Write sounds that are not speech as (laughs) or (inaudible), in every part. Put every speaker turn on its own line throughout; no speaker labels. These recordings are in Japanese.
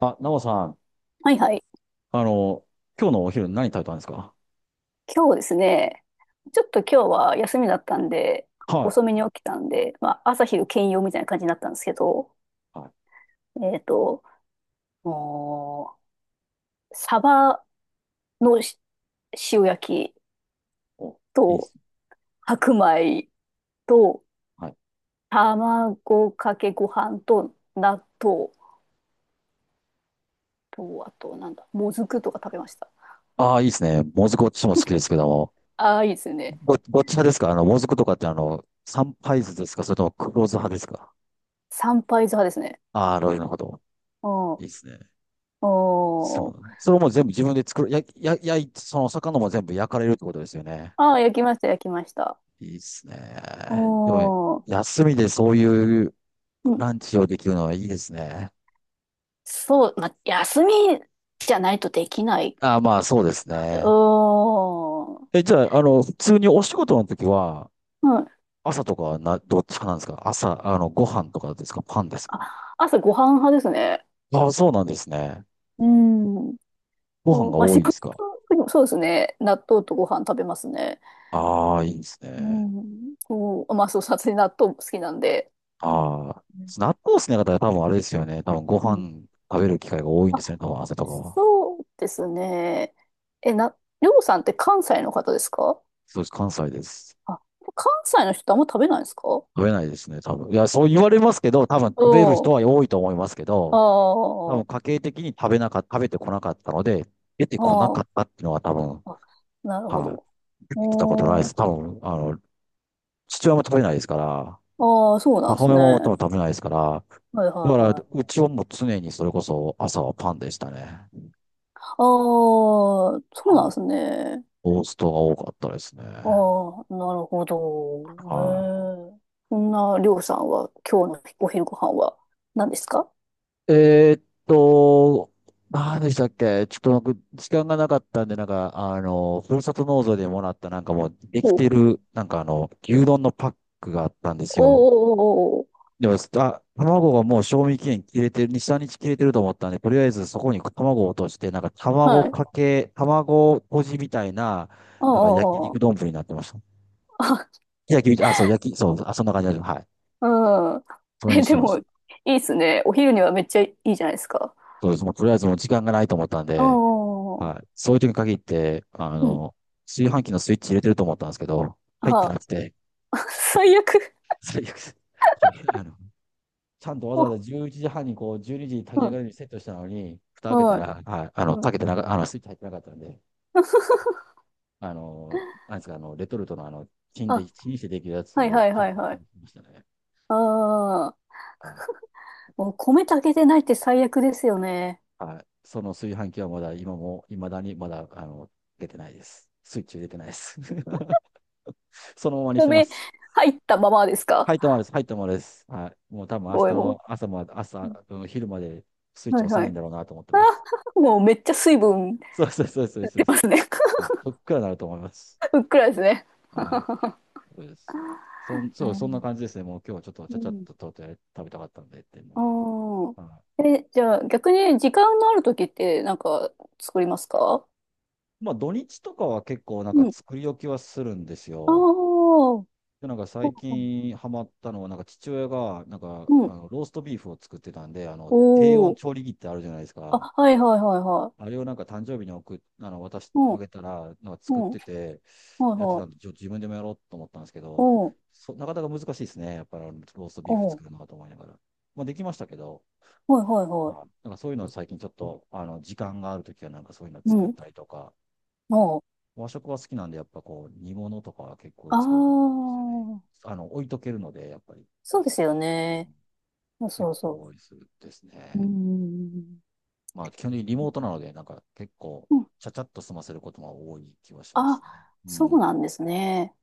あ、ナオさん、
はいはい。
あの、今日のお昼何食べたんですか？
今日ですね、ちょっと今日は休みだったんで、
は
遅めに起きたんで、まあ、朝昼兼用みたいな感じになったんですけど、
い。はい。
えっと、もうサバの塩焼き
お、いいで
と
すね。
白米と
はい。
卵かけご飯と納豆と、あとなんだ、もずくとか食べました。
ああ、いいですね。もずく私も好きですけども。
ああ、いいですよね。
ごっち派ですか？もずくとかって三杯酢ですか、それとも黒酢派ですか？
三杯酢派ですね。
ああー、なるほど。
う
い
ん。
いですね。
お
そう
ー、
なん、それも全部自分で作る、や、や、やい、その魚も全部焼かれるってことですよね。
ああ、焼きました、焼きました。
いいですね。でも、
おー。
休みでそういうランチをできるのはいいですね。
そう、まあ、休みじゃないとできない
ああ、まあそうです
なで、う
ね。
ーん。
え、じゃあ、普通にお仕事の時は、
うん。
朝とかはな、どっちかなんですか？朝、ご飯とかですか、パンですか？
あ、朝ご飯派ですね。
ああ、そうなんですね。
うん。
ご飯
そう、
が
まあ、
多
仕
いんで
事
すか？
でもそうですね。納豆とご飯食べますね。
ああ、いいです
う
ね。
ん。こう、まあ、そう、さすがに納豆も好きなんで。
ああ。納豆好きな方は多分あれですよね。多分ご
うん。
飯食べる機会が多いんで
あ、
すね。多分朝とかは。
そうですね。え、な、りょうさんって関西の方ですか？
そうです。関西です。
あ、関西の人ってあんま食べないんですか？
食べないですね。多分。いや、そう言われますけど、多分食べる
う
人は
ん。
多いと思いますけ
あ
ど、多分
あ、
家計的に食べてこなかったので、出てこな
あ
かったっていうのは多分、
あ、なるほ
は
ど。
い。来たことないで
お
す。
ー、
多分、父親も食べないですから、
ああ、そうなんで
母
す
親
ね。
も多
は
分食べないですから、
いはい
だから、
はい。
うちはもう常にそれこそ朝はパンでしたね。
ああ、そうなん
は
で
い。
すね。
トーストが多かったですね。
ああ、なるほど。
は
ええ。そんな、りょうさんは、今日のお昼ご飯は何ですか？
い。何でしたっけ。ちょっと僕、時間がなかったんで、ふるさと納税でもらった、なんかもう、でき
お、お
て
ー、
る、牛丼のパックがあったんです
お
よ。
お、
でも、あ、卵がもう賞味期限切れてる、2、3日切れてると思ったんで、とりあえずそこに卵を落として、なんか
お
卵
はい。
かけ、卵とじみたいな、
あ
なんか焼
あ、
肉
あ
丼になってました。
あ、あ、
焼き、あ、そう、焼き、そう、あ、そんな感じです。はい。
うん。
そ
(laughs)
れ
え、
にして
で
まし
も、
た。
いいっすね。お昼にはめっちゃいいじゃないですか。
そうです。もうとりあえずもう時間がないと思ったん
あ
で、
あ、う
はい。そういう時に限って、
ん。
炊飯器のスイッチ入れてると思ったんですけど、入って
は。
なくて、
あ、(laughs) 最悪。
最悪です。はい。あのちゃんとわざ
お、
わざ11時半にこう、12時にじに炊き
う
上が
ん。
るようにセットしたのに、蓋開けた
はい。
ら、はい、あの、
うん、
かけてなか、あの、スイッチ入ってなかったんで、あの、なんですか、あの、レトルトの
あ、
チンしてできるや
(laughs)
つ
はい
を、
はいは
結
い
構、
はい。
ましたね。
ああ。
はい。
(laughs) もう米炊けてないって最悪ですよね。
はい。その炊飯器はまだ、今も、いまだにまだ、出てないです。スイッチ入れてないです。(laughs) そのままにしてま
米
す。
入ったままですか？
入ったままです。入ったままです。はい。もう多分明日
おいも
の
う。
朝まで、朝、うん、昼までスイッチ
はい
押さ
は
ないん
い。
だろうなと思ってます。
あ、(laughs) もうめっちゃ水分
そうそうそうそう、そう
出
で
ま
す。
すね。
は
(laughs)
い。そっくらなると思います。
ふっくらですね。
はい。うん。
う
そんな
ん。
感じですね。もう今日はちょっとち
う
ゃちゃっ
ん、
ととうとう食べたかったんでっていうの
あ
で。は
あ。え、じゃあ逆に時間のある時ってなんか作りますか？
い、まあ土日とかは結構なん
う
か
ん。
作り置きはするんです
あ
よ。
あ。
で、なんか最近ハマったのは、なんか父親がなんか
う
あ
ん。
のローストビーフを作ってたんで、あの
お
低温
お。
調理器ってあるじゃないです
あ、
か。
はいはいはいは
あれをなんか誕生日に送っ、あの渡し、
い。うん。
あげたら、なんか
う
作っ
ん。
てて、
はい
やって
は
たん
い。
で、ちょ自分でもやろうと思ったんですけ
う
ど、
ん。
そ、なかなか難しいですね。やっぱりあのローストビ
お
ーフ作
お。
るのかと思いながら。まあできましたけど、
はいはいは
あ、
い。
なんかそういうの最近ちょっと、時間があるときはなんかそういうの
う
作っ
ん。
たりとか、
も
和食は好きなんで、やっぱこう、煮物とかは結構
う、
作るんで
あ
すよね。
あ、
置いとけるので、やっぱり、
そうですよ
う
ね。
ん、
そうそ
結
う
構
そ
多いですです
う。う
ね。
ん。
まあ、基本的にリモートなので、なんか結構、
うん。
ちゃちゃっと済ませることが多い気はしま
あ、
すね。う
そう
ん。
なんですね。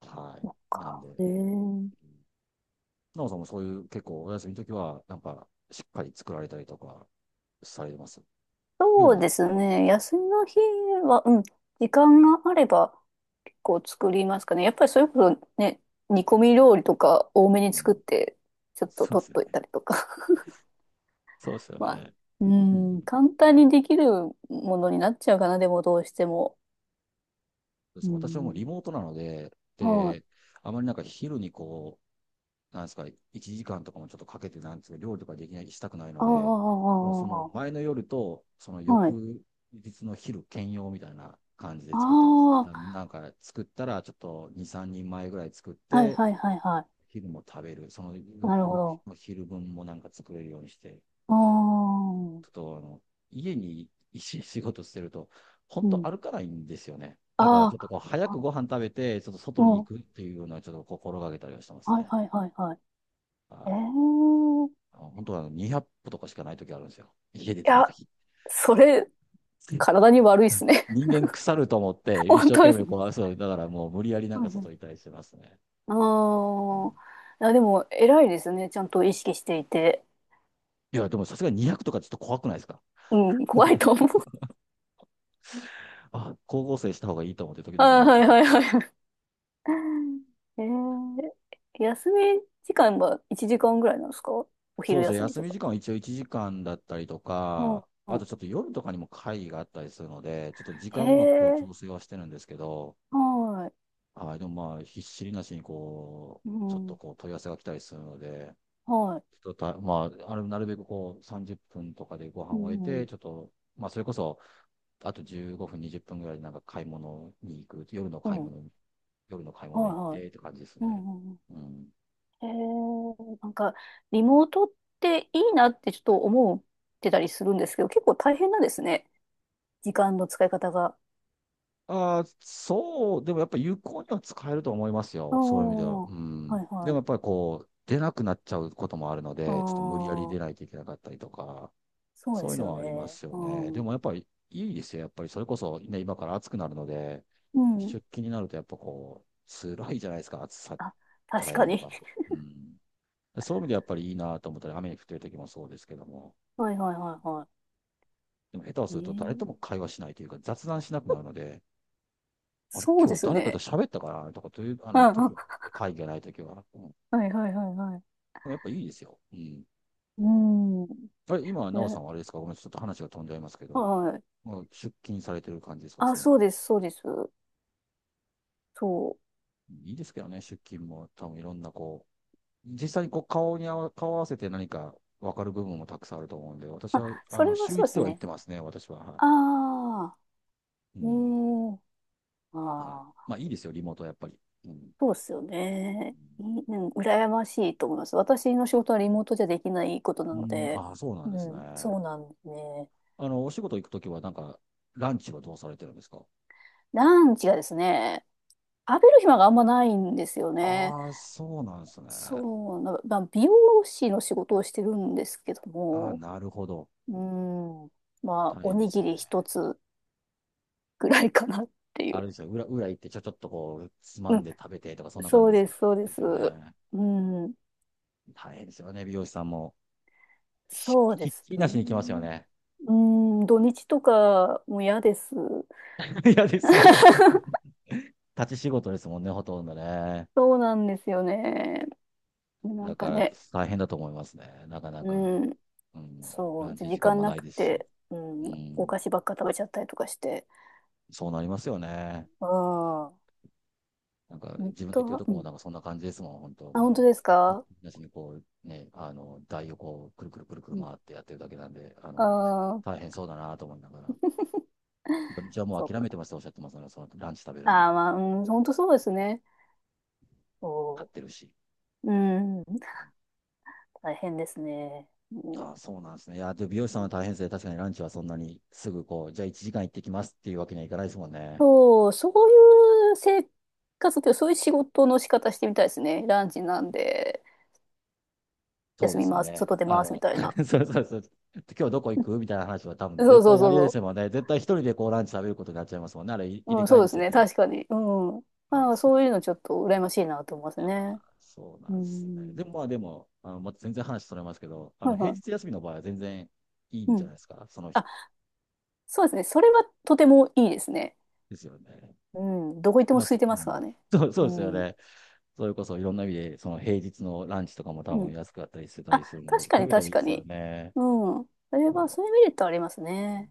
はい。
そっ
なん
か。
で、
え
う
ー、
ん、なおさんもそういう結構お休みの時は、なんか、しっかり作られたりとかされてます。料
そ
理
う
は、
ですね。休みの日は、うん。時間があれば結構作りますかね。やっぱりそれこそね、煮込み料理とか多めに
う
作っ
ん、
て、ちょっと
そうで
取
す
っ
よ
と
ね。
いたりとか。
そうですよ
(laughs) まあ、
ね。
う
うん。
ん。簡単にできるものになっちゃうかな、でもどうしても。
で
う
す。私はもうリ
ん。
モートなので、
はい、
で、あまりなんか昼にこう、なんですか、1時間とかもちょっとかけて、なんですか、料理とかできない、したくないの
あ
で、もうその
あ、
前の夜と、その
はい。
翌日の昼兼用みたいな感じで作ってますね。
あ
だ
あ、
なんか作ったら、ちょっと2、3人前ぐらい作っ
はい
て、
はいはいは
昼も食べる、その
い。なるほ
翌
ど。
の昼分もなんか作れるようにして、
ああ、
ちょっとあの家に一日仕事してると、本
う
当
ん。
歩かないんですよね。だからちょ
あ
っとこう早
あ、
く
あ、
ご飯食べて、ちょっと外
う
に
ん。
行くっていうのはちょっと心がけたりはしてます
はい
ね。
はいはいはい。
は
え
い。
え、
あの本当はあの200歩とかしかない時あるんですよ。家出
い
てない
や、
時。
それ、
(laughs)
体に悪いっすね。
人間腐ると思っ
(laughs)
て、一
本
生
当で
懸
す
命
ね。
こう、そう、だからもう無理やりなん
は
か
いは
外にい
い。
たりしてますね。
あ
うん。
あ、いや、でも、偉いですね。ちゃんと意識していて。
いや、でもさすがに200とかちょっと怖くないですか？
うん、怖いと思う。
あ、高校生した方がいいと思って
(laughs)
時々
あ
な
ー、
んか
は
ちょっ
い
と。
はいはいはい。えー、休み時間は1時間ぐらいなんですかお
そ
昼
うですね、
休み
休
と
み
か。
時間は一応1時間だったりと
うん。
か、あとちょっと夜とかにも会議があったりするので、ちょっと時
へ
間をうまくこう
え、
調整はしてるんですけど、
は
はい、でも、まあ、ひっしりなしにこ
い。う
う、ちょっと
ん。
こう問い合わせが来たりするので、
はい。
ちょっとた、まあ、あのなるべくこう30分とかでご飯
う
を終え
ん。う
て、
ん。
ちょっと、まあ、それこそ、あと15分、20分ぐらいでなんか買い物に行く、
うん、
夜の買い
はい
物に行っ
はい。
てって感じです
う
ね。
んうんうん。
うん。
へえ、なんか、リモートっていいなってちょっと思ってたりするんですけど、結構大変なんですね。時間の使い方が。
ああ、そう、でもやっぱ有効には使えると思います
ああ、
よ。そういう意味では。
は
う
い
ん。で
は
もやっ
い。
ぱりこう、出なくなっちゃうこともあるの
あ
で、ちょっと無理やり出な
あ、
いといけなかったりとか、
そうで
そういう
す
の
よ
はありま
ね。
す
う
よね。でも
ん。
やっぱりいいですよ。やっぱりそれこそね、今から暑くなるので、
うん。
出勤になるとやっぱこう、辛いじゃないですか、暑さ
あ、確
耐える
か
の
に。
が。うん。そういう意味でやっぱりいいなと思ったり、雨に降ってる時もそうですけども、
(laughs) はいはいはいは
でも下手をする
い。
と誰とも
ええ、
会話しないというか、雑談しなくなるので、あれ、
そう
今
で
日
す
誰かと
ね。
喋ったかなとか、という、
あ
時は
あ、
ね、会議がない時は。う
はいはいはいはい。
ん、やっぱいいですよ。うん。
うん。
あれ、今、なおさ
ね、
んはあれですか、ごめん、ちょっと話が飛んじゃいますけど、
はい。
もう出勤されてる感じですか
あ、
ね。
そうです、そうです。そ
いいですけどね、出勤も、多分いろんな、こう、実際にこう顔合わせて何か分かる部分もたくさんあると思うんで、私
う。あ、
は、
それは
週
そう
一
で
で
す
は行っ
ね。
てますね、私は。は
ああ、
い。う
ね、
ん。
え、
はい。
ああ、
まあ、いいですよ、リモートはやっぱり。うん。
そうですよね。い、うん、羨ましいと思います。私の仕事はリモートじゃできないことな
う
の
ん、
で、
ああ、そうなん
う
ですね。
ん、そうなんですね。
お仕事行くときは、なんか、ランチはどうされてるんですか？
ランチがですね、食べる暇があんまないんですよね。
ああ、そうなんですね。あ
そうな、まあ、美容師の仕事をしてるんですけど
あ、
も、
なるほど。
うん、まあ、
大
お
変で
に
す
ぎ
よ
り一
ね。
つぐらいかなってい
あれ
う。
ですよ、裏行ってちょっとこう、つま
う
ん
ん、
で食べてとか、そんな感
そ
じ
う
です
で
か。
す、そうで
です
す。
よね。
うん、
大変ですよね、美容師さんも。
そうで
ひっ
す
きりなしに来ますよ
ね。
ね。
うん、土日とかも嫌です。
(laughs) 嫌です。(laughs)
(laughs)
立ち仕事ですもんね、ほとんどね。
そうなんですよね。な
だ
んか
から、
ね、
大変だと思いますね。なかなか、
うん、
うん、
そ
ラ
う、
ンチ
時
時間
間
も
な
ない
く
ですし。
て、う
う
ん、お
ん、
菓子ばっか食べちゃったりとかして。
そうなりますよね。
ああ、
なんか
本
自分の言っ
当
てる
は、
と
う
こも
ん。
なんかそんな感じですもん、本当
あ、
も
本当
う、
です
い
か？
なしにこう、ね、台をこう、くるくるくるくる
うん。
回ってやってるだけなんで、
ああ、
大変そうだなと思いながら、
(laughs)
土日はもう
そう
諦
か。
めてますっておっしゃってますね、そのランチ食べるのは、
ああ、まあ、うん、本当そうですね。
買
そ
ってるし。
う。うん、大変ですね。うん、
ああ、そうなんですね。いや、で、美容師さんは大変ですね。確かにランチはそんなにすぐこう、じゃあ1時間行ってきますっていうわけにはいかないですもんね。
そう、そういう生活というか、そういう仕事の仕方してみたいですね。ランチなんで、
そう
休
で
み
すよ
ます、
ね。
外出ますみたいな。
(laughs) そうそうそう。今日どこ行くみたいな話は多分
そう
絶
そ
対
う
にあ
そう
りえです
そ
もんね。絶対一人でこうランチ食べることになっちゃいますもんね。あれい
う。う
入れ
ん、
替
そ
え
う
で
です
すよ
ね。
ね。
確かに。うん。
あ、
まあ、
そう、
そういうのちょっと羨ましいなと思いますね。
あ、そうな
う
んですね。で
ん。
も、まあ、でも、まあ、全然話それますけど、
はい
平
は
日休みの場合は全然いい
い。
ん
う
じゃ
ん。
ないですか、その日
あ、そうですね。それはとてもいいですね。
ですよね。
うん。どこ行っても
まあ、
空い
そ、
て
う
ますか
ん。
らね。
(laughs) そう、そ
う
うですよ
ん。
ね。それこそいろんな意味で、その平日のランチとかも多
う
分
ん。
安かったりしてた
あ、
りするん
確
で、
か
そういう意
に
味ではい
確
いで
か
すよ
に。
ね。
うん。それ
うん。
は、そういうメリットありますね。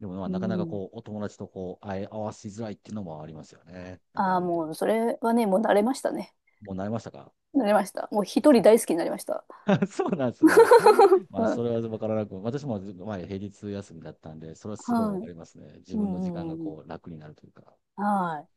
でも、まあ、
う
なかなか
ん。
こう、お友達とこう、会え合わせづらいっていうのもありますよね。なんかあ
ああ、
る意味で。
もう、それはね、もう慣れましたね。
もう慣れましたか？
慣れました。もう
(laughs)
一
そ
人
う。
大好きになりました。
(laughs) そうなんですね。
(laughs) う
まあ、そ
ん、
れは分からなく、私も前平日休みだったんで、それはすごい
は
分か
い。
りますね。自
う
分の時間
んう
が
んうん。
こう楽になるというか。
はい。